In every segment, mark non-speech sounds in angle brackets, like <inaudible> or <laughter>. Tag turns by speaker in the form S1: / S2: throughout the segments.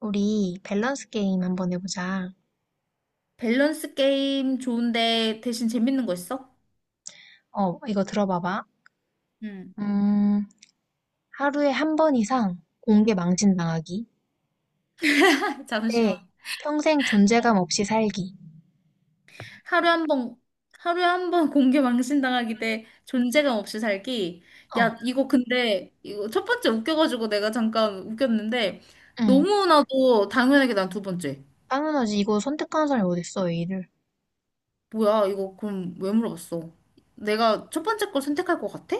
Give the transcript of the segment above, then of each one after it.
S1: 우리 밸런스 게임 한번 해보자.
S2: 밸런스 게임 좋은데 대신 재밌는 거 있어?
S1: 어, 이거 들어봐봐.
S2: 응.
S1: 음, 하루에 한 번 이상 공개 망신당하기.
S2: <laughs>
S1: 대
S2: 잠시만.
S1: 평생
S2: 어,
S1: 존재감 없이 살기.
S2: 하루에 한 번, <laughs> 공개 망신당하기 대 존재감 없이 살기.
S1: 어,
S2: 야, 이거 근데, 이거 첫 번째 웃겨가지고 내가 잠깐 웃겼는데,
S1: 응.
S2: 너무나도 당연하게 난 두 번째.
S1: 당연하지. 이거 선택하는 사람이 어딨어, 이 일을.
S2: 뭐야, 이거 그럼 왜 물어봤어? 내가 첫 번째 걸 선택할 것 같아?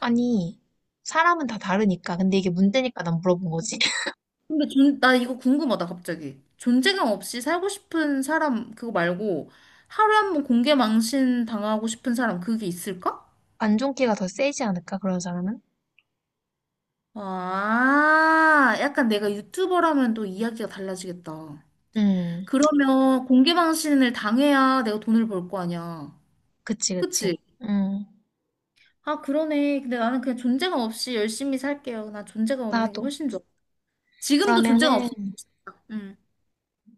S1: 아니, 사람은 다 다르니까. 근데 이게 문제니까 난 물어본 거지. <laughs>
S2: 근데 나 이거 궁금하다, 갑자기. 존재감 없이 살고 싶은 사람, 그거 말고, 하루에 한 번 공개 망신 당하고 싶은 사람, 그게 있을까?
S1: 안 좋은 기가 더 세지 않을까, 그런 사람은?
S2: 아, 약간 내가 유튜버라면 또 이야기가 달라지겠다.
S1: 음,
S2: 그러면 공개 망신을 당해야 내가 돈을 벌 거 아니야.
S1: 그치, 그치.
S2: 그치?
S1: 음,
S2: 아, 그러네. 근데 나는 그냥 존재감 없이 열심히 살게요. 나 존재감 없는 게
S1: 나도.
S2: 훨씬 좋아. 지금도 존재감
S1: 그러면은,
S2: 없으면 좋겠다.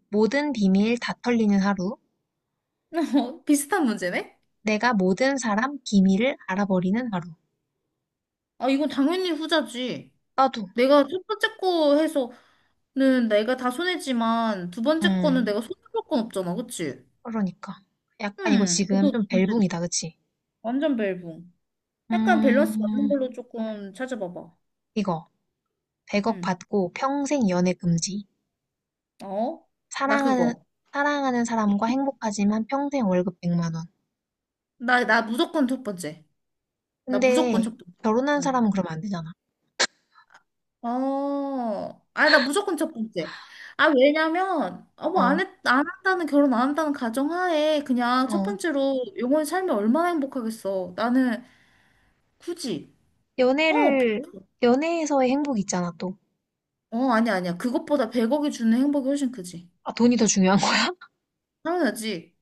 S1: 모든 비밀 다 털리는 하루.
S2: <laughs> 비슷한 문제네?
S1: 내가 모든 사람 비밀을 알아버리는 하루.
S2: 아, 이건 당연히 후자지.
S1: 나도.
S2: 내가 첫 번째 거 해서는 내가 다 손해지만 두 번째 거는
S1: 음,
S2: 내가 손해볼 건 없잖아, 그치?
S1: 그러니까. 약간 이거
S2: 응,
S1: 지금
S2: 너도
S1: 좀
S2: 돈
S1: 벨붕이다,
S2: 쓰지.
S1: 그치?
S2: 완전 벨붕. 약간 밸런스 맞는
S1: 음,
S2: 걸로 조금 찾아봐봐.
S1: 이거. 100억
S2: 응,
S1: 받고 평생 연애 금지.
S2: 어? 나
S1: 사랑하는,
S2: 그거.
S1: 사랑하는 사람과 행복하지만 평생 월급 100만 원.
S2: 나 무조건 첫 번째. 나 무조건
S1: 근데
S2: 첫 번째.
S1: 결혼한
S2: 어.
S1: 사람은 그러면 안 되잖아.
S2: 어, 아, 나 무조건 첫 번째. 아, 왜냐면, 어, 뭐,
S1: 어,
S2: 안 했, 안 한다는, 결혼 안 한다는 가정하에, 그냥 첫
S1: 어.
S2: 번째로 영원히 살면 얼마나 행복하겠어. 나는 굳이, 어,
S1: 연애를, 연애에서의 행복이 있잖아, 또.
S2: 어, 아니야, 아니야. 그것보다 100억이 주는 행복이 훨씬 크지.
S1: 아, 돈이 더 중요한 거야.
S2: 당연하지.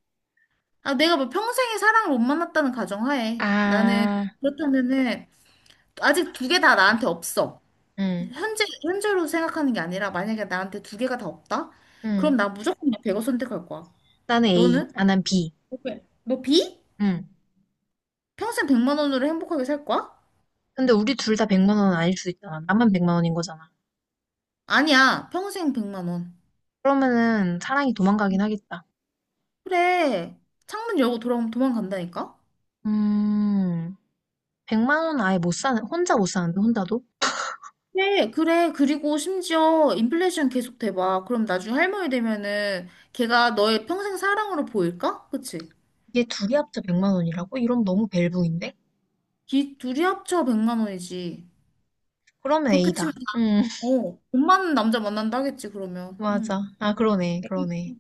S2: 아, 내가 뭐 평생에 사랑을 못 만났다는 가정하에. 나는
S1: 아,
S2: 그렇다면은 아직 두 개 다 나한테 없어.
S1: 응,
S2: 현재로 생각하는 게 아니라 만약에 나한테 두 개가 다 없다? 그럼
S1: 응.
S2: 나 무조건 100억 선택할 거야.
S1: 나는 A,
S2: 너는?
S1: 나는 B.
S2: 왜? 너 비?
S1: 응.
S2: 평생 100만 원으로 행복하게 살 거야?
S1: 근데 우리 둘 다 100만 원은 아닐 수 있잖아. 나만 100만 원인 거잖아.
S2: 아니야. 평생 100만 원.
S1: 그러면은 사랑이 도망가긴 하겠다.
S2: 그래. 창문 열고 돌아오면 도망간다니까?
S1: 음, 100만 원 아예 못 사는, 혼자 못 사는데, 혼자도?
S2: 그래, 그래. 그리고 심지어 인플레이션 계속 돼봐. 그럼 나중에 할머니 되면은 걔가 너의 평생 사랑으로 보일까? 그치?
S1: 이게 둘이 합쳐 100만 원이라고? 이러면 너무 벨붕인데?
S2: 둘이 합쳐 100만 원이지.
S1: 그러면
S2: 그렇게
S1: A다.
S2: 치면,
S1: <laughs>
S2: 돈 많은 남자 만난다 하겠지, 그러면.
S1: 맞아.
S2: 응.
S1: 아, 그러네, 그러네.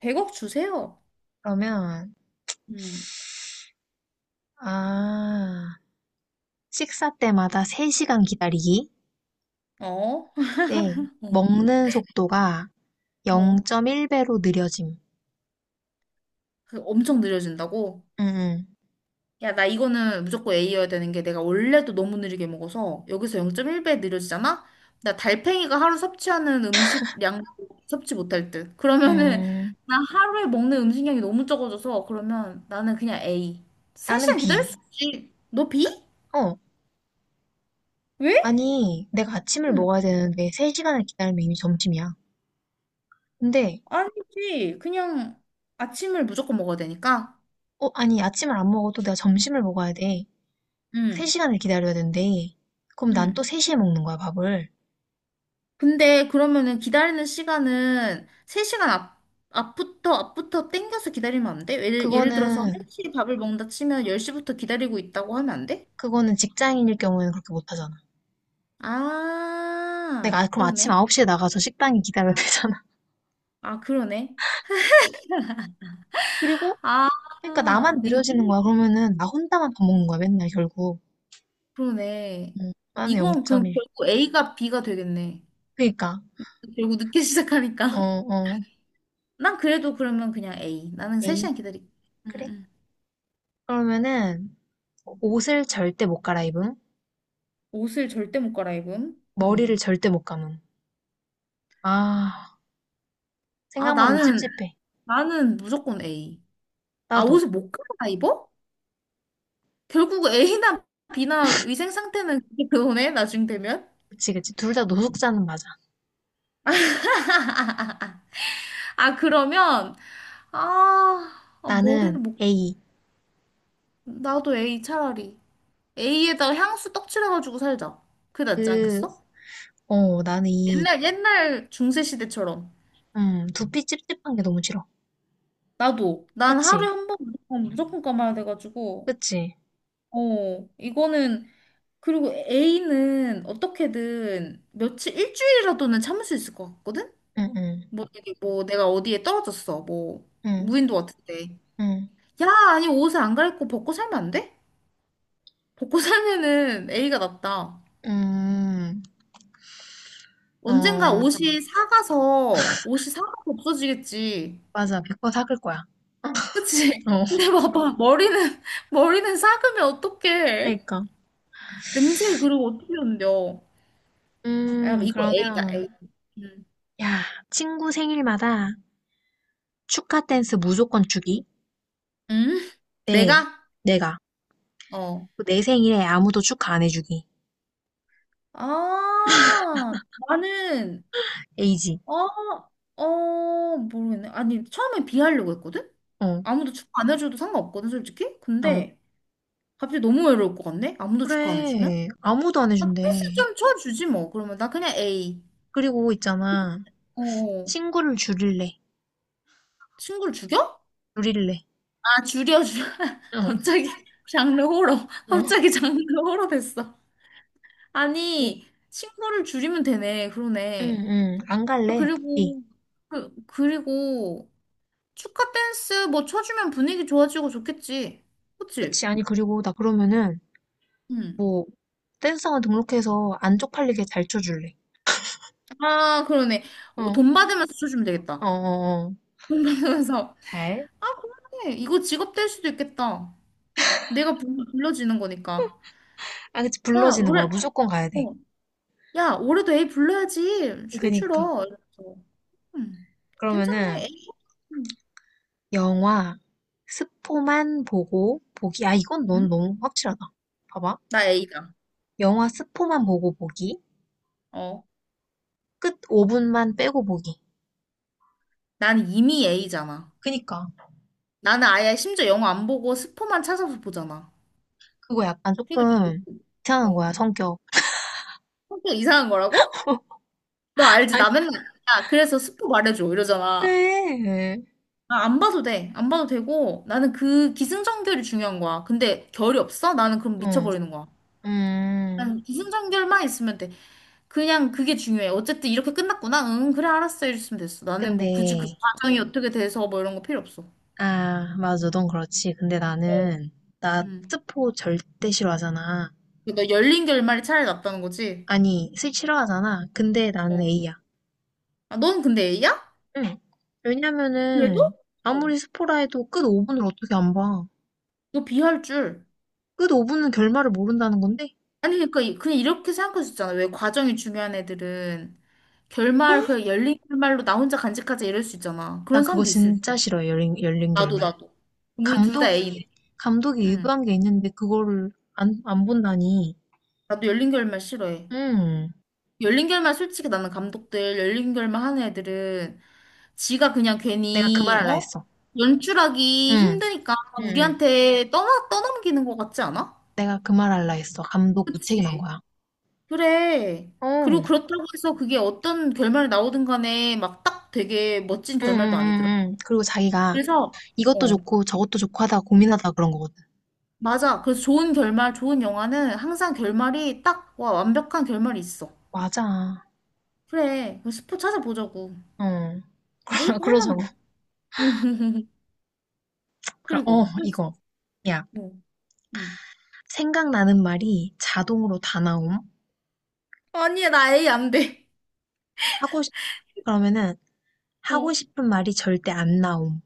S2: 100억 주세요.
S1: 그러면,
S2: 응.
S1: 아, 식사 때마다 3시간 기다리기?
S2: 어? <laughs>
S1: 네.
S2: 어.
S1: 먹는 속도가
S2: 어.
S1: 0.1배로 느려짐.
S2: 그 엄청 느려진다고?
S1: 음, 음,
S2: 야, 나 이거는 무조건 A여야 되는 게 내가 원래도 너무 느리게 먹어서 여기서 0.1배 느려지잖아? 나 달팽이가 하루 섭취하는 음식량 섭취 못할 듯. 그러면은
S1: 음.
S2: 나 하루에 먹는 음식량이 너무 적어져서 그러면 나는 그냥 A.
S1: 나는
S2: 3시간
S1: B.
S2: 기다릴 수 있지. 너 B?
S1: 어,
S2: 왜?
S1: 아니, 내가 아침을
S2: 응.
S1: 먹어야 되는데 3시간을 기다리면 이미 점심이야. 근데
S2: 아니지. 그냥 아침을 무조건 먹어야 되니까.
S1: 아니, 아침을 안 먹어도 내가 점심을 먹어야 돼.
S2: 응.
S1: 3시간을 기다려야 된대. 그럼 난
S2: 응.
S1: 또 3시에 먹는 거야, 밥을.
S2: 근데 그러면은 기다리는 시간은 3시간 앞부터 땡겨서 기다리면 안 돼? 예를 들어서
S1: 그거는,
S2: 1시에 밥을 먹는다 치면 10시부터 기다리고 있다고 하면 안 돼?
S1: 그거는 직장인일 경우에는 그렇게 못 하잖아. 내가
S2: 아,
S1: 그럼 아침
S2: 그러네.
S1: 9시에 나가서 식당에 기다려야 되잖아.
S2: 아, 그러네.
S1: <laughs> 그리고,
S2: 아,
S1: 그러니까 나만
S2: 이거
S1: 느려지는 거야.
S2: 좀,
S1: 그러면은 나 혼자만 밥 먹는 거야, 맨날 결국.
S2: 그러네.
S1: 응, 나는
S2: 이건 그럼
S1: 0.1.
S2: 결국 A가 B가 되겠네.
S1: 그니까,
S2: 결국 늦게 <laughs>
S1: 어,
S2: 시작하니까.
S1: 어,
S2: 난 그래도 그러면 그냥 A. 나는
S1: 에이,
S2: 3시간 기다릴게. 응,
S1: 그래.
S2: 응.
S1: 그러면은 옷을 절대 못 갈아입음.
S2: 옷을 절대 못 갈아입음.
S1: 머리를
S2: 응.
S1: 절대 못 감음. 아,
S2: 아,
S1: 생각만 해도 찝찝해.
S2: 나는 무조건 A. 아,
S1: 나도.
S2: 옷을 못 갈아 입어? 결국 A나 B나 위생 상태는 그게 그거네, 나중 되면?
S1: 그치, 그치. 둘 다 노숙자는 맞아.
S2: 아, 그러면, 아, 아, 머리를
S1: 나는
S2: 못,
S1: A.
S2: 나도 A 차라리. A에다가 향수 떡칠해가지고 살자. 그게 낫지
S1: 그,
S2: 않겠어?
S1: 어, 나는 이,
S2: 옛날 중세 시대처럼.
S1: 두피 찝찝한 게 너무 싫어.
S2: 나도. 난
S1: 그치?
S2: 하루에 한 번 무조건, 무조건 감아야 돼가지고.
S1: 그치?
S2: 이거는, 그리고 A는 어떻게든 며칠, 일주일이라도는 참을 수 있을 것 같거든?
S1: 응, 응,
S2: 뭐, 이게 뭐 내가 어디에 떨어졌어. 뭐
S1: 응,
S2: 무인도 같은데.
S1: 응,
S2: 야, 아니 옷을 안 갈아입고 벗고 살면 안 돼? 벗고 <laughs> 살면은 A가 낫다.
S1: 음,
S2: 언젠가
S1: 어,
S2: 옷이 사가서 없어지겠지.
S1: 맞아. 100번 삭을 거야.
S2: 그치?
S1: 어,
S2: <laughs> 근데 봐봐 머리는 <laughs> 머리는 삭으면 어떡해?
S1: 그러니까.
S2: 냄새 그리고 어떻게 흔들려? 야, 이거 A다.
S1: 그러면,
S2: A. 음.
S1: 야, 친구 생일마다 축하 댄스 무조건 주기.
S2: 음?
S1: 네,
S2: 내가?
S1: 내가.
S2: 어.
S1: 내 생일에 아무도 축하 안 해주기.
S2: 아, 나는
S1: A지.
S2: 어, 모르겠네. 아니, 처음에 비하려고 했거든?
S1: 어,
S2: 아무도 축하 안 해줘도 상관없거든, 솔직히?
S1: 어.
S2: 근데 갑자기 너무 외로울 것 같네? 아무도 축하 안 해주면?
S1: 그래, 아무도 안
S2: 아,
S1: 해준대.
S2: 패스 좀 쳐주지, 뭐. 그러면 나 그냥 A.
S1: 그리고 있잖아.
S2: 어,
S1: 친구를 줄일래.
S2: 친구를 죽여?
S1: 줄일래
S2: 아, 줄여, 줄여. <laughs>
S1: 어.
S2: 갑자기 장르 호러. 갑자기 장르 호러 됐어.
S1: 어.
S2: 아니, 친구를 줄이면 되네.
S1: 응,
S2: 그러네.
S1: 응. 안 갈래. 복
S2: 그리고, 그리고 축하 댄스 뭐 쳐주면 분위기 좋아지고 좋겠지. 그치?
S1: 그치. 아니, 그리고 나 그러면은,
S2: 응.
S1: 뭐, 댄스학원 등록해서 안 쪽팔리게 잘 쳐줄래.
S2: 아, 그러네.
S1: 어.
S2: 돈 받으면서 쳐주면
S1: 어,
S2: 되겠다.
S1: 어, 어.
S2: 돈 받으면서.
S1: 잘.
S2: 아, 그러네. 이거 직업 될 수도 있겠다. 내가 불러지는 거니까.
S1: 아, 그치.
S2: 야,
S1: 불러지는 거야.
S2: 올해,
S1: 무조건 가야 돼.
S2: 어. 야, 올해도 A 불러야지.
S1: 그니까.
S2: 춤추러. 이러면서. 음. 괜찮네.
S1: 그러면은,
S2: A. 음.
S1: 영화, 스포만 보고 보기. 아, 이건 넌
S2: 음?
S1: 너무 확실하다. 봐봐.
S2: 나 A다.
S1: 영화 스포만 보고 보기.
S2: 어.
S1: 끝 5분만 빼고 보기.
S2: 난 이미 A잖아.
S1: 그니까.
S2: 나는 아예 심지어 영어 안 보고 스포만 찾아서 보잖아.
S1: 그거 약간
S2: 그러니까,
S1: 조금 이상한
S2: 어.
S1: 거야, 성격.
S2: 성격 이상한 거라고? 너 알지?
S1: 아니,
S2: 나 맨날. 야, 그래서 스포 말해줘. 이러잖아.
S1: 그래.
S2: 아, 안 봐도 돼. 안 봐도 되고, 나는 그 기승전결이 중요한 거야. 근데 결이 없어? 나는 그럼
S1: 어,
S2: 미쳐버리는 거야.
S1: 음.
S2: 난 기승전결만 있으면 돼. 그냥 그게 중요해. 어쨌든 이렇게 끝났구나. 응, 그래, 알았어. 이랬으면 됐어. 나는
S1: 근데,
S2: 뭐 굳이 그 과정이 어떻게 돼서 뭐 이런 거 필요 없어.
S1: 아, 맞아. 넌 그렇지. 근데
S2: 어.
S1: 나
S2: 음.
S1: 스포 절대 싫어하잖아.
S2: 너 열린 결말이 차라리 낫다는 거지?
S1: 아니, 스 싫어하잖아. 근데 나는
S2: 어.
S1: A야.
S2: 아, 넌 근데 A야?
S1: 응.
S2: 그래도?
S1: 왜냐면은,
S2: 어.
S1: 아무리 스포라 해도 끝 5분을 어떻게 안 봐.
S2: 너 B 할 줄.
S1: 끝 5분은 결말을 모른다는 건데?
S2: 아니, 그러니까 그냥 이렇게 생각할 수 있잖아. 왜 과정이 중요한 애들은. 결말, 그냥 열린 결말로 나 혼자 간직하자 이럴 수 있잖아. 그런
S1: 나 그거
S2: 사람도 있을
S1: 진짜 싫어해. 열린
S2: 나도,
S1: 결말.
S2: 나도. 우리 둘 다
S1: 감독이,
S2: A네.
S1: 감독이
S2: 응.
S1: 의도한 게 있는데, 그거를 안 본다니.
S2: 나도 열린 결말 싫어해.
S1: 음.
S2: 열린 결말 솔직히 나는 감독들 열린 결말 하는 애들은 지가 그냥
S1: 내가 그
S2: 괜히
S1: 말 할라
S2: 어?
S1: 했어.
S2: 연출하기
S1: 응.
S2: 힘드니까
S1: 응,
S2: 우리한테 떠나 떠넘기는 것 같지 않아?
S1: 내가 그 말 할라 했어. 감독 무책임한
S2: 그치?
S1: 거야.
S2: 그래.
S1: 응.
S2: 그리고
S1: 어,
S2: 그렇다고 해서 그게 어떤 결말이 나오든 간에 막 딱 되게 멋진
S1: 응,
S2: 결말도
S1: 응, 응,
S2: 아니더라.
S1: 응. 그리고 자기가
S2: 그래서 어.
S1: 이것도 좋고 저것도 좋고 하다가 고민하다가 그런 거거든.
S2: 맞아. 그래서 좋은 결말, 좋은 영화는 항상 결말이 딱 와, 완벽한 결말이 있어.
S1: 맞아.
S2: 그래, 그 스포 찾아보자고.
S1: 어,
S2: A가
S1: <laughs> 그러자고.
S2: 헐란데. <laughs>
S1: 그럼,
S2: 그리고, 또래 어.
S1: 이거. 야,
S2: 뭐, 응.
S1: 생각나는 말이 자동으로 다 나옴.
S2: 아니야, 나 A 안 돼.
S1: 하고 싶, 그러면은 하고
S2: 어.
S1: 싶은 말이 절대 안 나옴.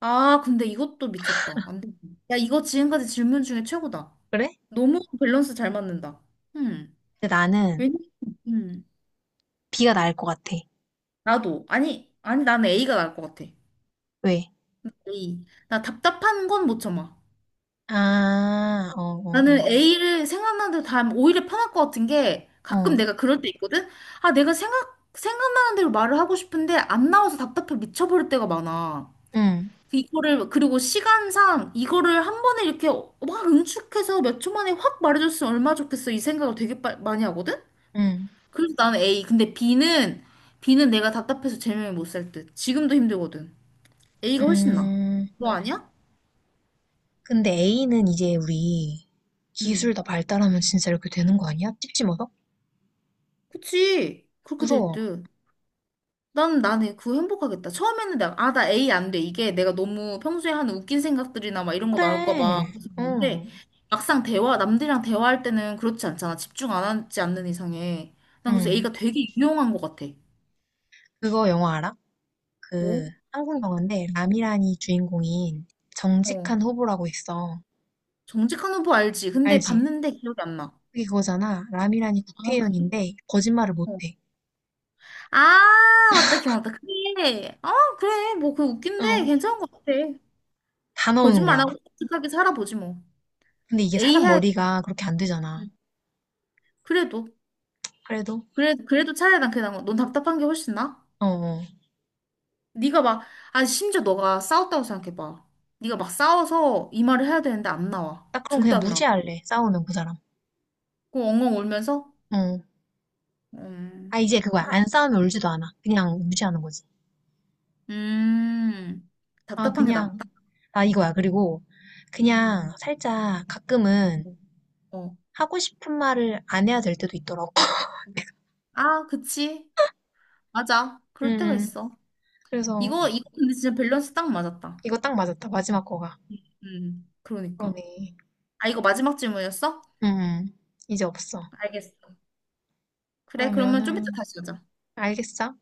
S2: 아, 근데 이것도 미쳤다. 안 돼. 야, 이거 지금까지 질문 중에 최고다.
S1: 그래?
S2: 너무 밸런스 잘 맞는다. 음.
S1: 근데 나는
S2: 왜냐? 음.
S1: B가 나을 것 같아.
S2: 나도. 아니, 아니, 나는 A가 나을 것 같아.
S1: 왜?
S2: A. 나 답답한 건 못 참아.
S1: 아, 어, 어,
S2: 나는 A를 생각나는 대로 다 하면 오히려 편할 것 같은 게
S1: 어.
S2: 가끔
S1: 어,
S2: 내가 그럴 때 있거든? 아, 내가 생각나는 대로 말을 하고 싶은데 안 나와서 답답해 미쳐버릴 때가 많아.
S1: 응,
S2: 이거를, 그리고 시간상 이거를 한 번에 이렇게 막 응축해서 몇 초 만에 확 말해줬으면 얼마나 좋겠어. 이 생각을 되게 많이 하거든?
S1: 응,
S2: 그래서 나는 A. 근데 B는 내가 답답해서 제명이 못 살 듯. 지금도 힘들거든. A가 훨씬 나아.
S1: 음.
S2: 너 아니야?
S1: 근데 A는 이제 우리
S2: 응.
S1: 기술 다 발달하면 진짜 이렇게 되는 거 아니야? 찝찝어서
S2: 그치. 그렇게 될
S1: 무서워.
S2: 듯. 나는 그거 행복하겠다. 처음에는 내가 아 나 A 안 돼. 이게 내가 너무 평소에 하는 웃긴 생각들이나 막 이런 거 나올까 봐
S1: 그래.
S2: 그래서 그런데
S1: 응,
S2: 막상 대화 남들이랑 대화할 때는 그렇지 않잖아. 집중 안 하지 않는 이상에 난 그래서
S1: 응.
S2: A가 되게 유용한 것 같아.
S1: 그거 영화 알아? 그
S2: 뭐?
S1: 한국 영화인데 라미란이 주인공인 정직한
S2: 어
S1: 후보라고 있어.
S2: 정직한 후보 알지? 근데
S1: 알지?
S2: 봤는데 기억이 안 나.
S1: 그게 그거잖아. 라미란이
S2: 아 그래?
S1: 국회의원인데 거짓말을
S2: 어.
S1: 못해.
S2: 아 맞다 기억났다. 그래. 아 그래 뭐 그거 웃긴데
S1: 응.
S2: 괜찮은 것 같아.
S1: 다 나오는
S2: 거짓말 안
S1: 거야.
S2: 하고 솔직하게 살아보지 뭐.
S1: 근데 이게
S2: A
S1: 사람
S2: 해야
S1: 머리가 그렇게 안 되잖아.
S2: 그래도.
S1: 그래도
S2: 그래, 그래도 차라리 난 그냥 넌 답답한 게 훨씬 나아.
S1: 어, 어.
S2: 네가 막, 아 심지어 너가 싸웠다고 생각해봐. 네가 막 싸워서 이 말을 해야 되는데 안 나와.
S1: 나 그럼
S2: 절대
S1: 그냥
S2: 안 나와.
S1: 무시할래. 싸우면 그 사람.
S2: 그 엉엉 울면서
S1: 응.
S2: 음,
S1: 아, 이제 그거야.
S2: 네.
S1: 안 싸우면 울지도 않아. 그냥 무시하는 거지.
S2: 음,
S1: 아,
S2: 답답한 게
S1: 그냥,
S2: 낫다.
S1: 아, 이거야. 그리고
S2: 음,
S1: 그냥 살짝 가끔은
S2: 어, 어.
S1: 하고 싶은 말을 안 해야 될 때도 있더라고. <laughs>
S2: 아, 그치, 맞아. 그럴 때가
S1: 음,
S2: 있어.
S1: 그래서
S2: 이거 근데 진짜 밸런스 딱 맞았다.
S1: 이거 딱 맞았다. 마지막 거가.
S2: 그러니까.
S1: 그러네.
S2: 아 이거 마지막 질문이었어?
S1: 음, 이제 없어.
S2: 알겠어. 그래, 그러면 좀 이따
S1: 그러면은,
S2: 다시 하자.
S1: 알겠어?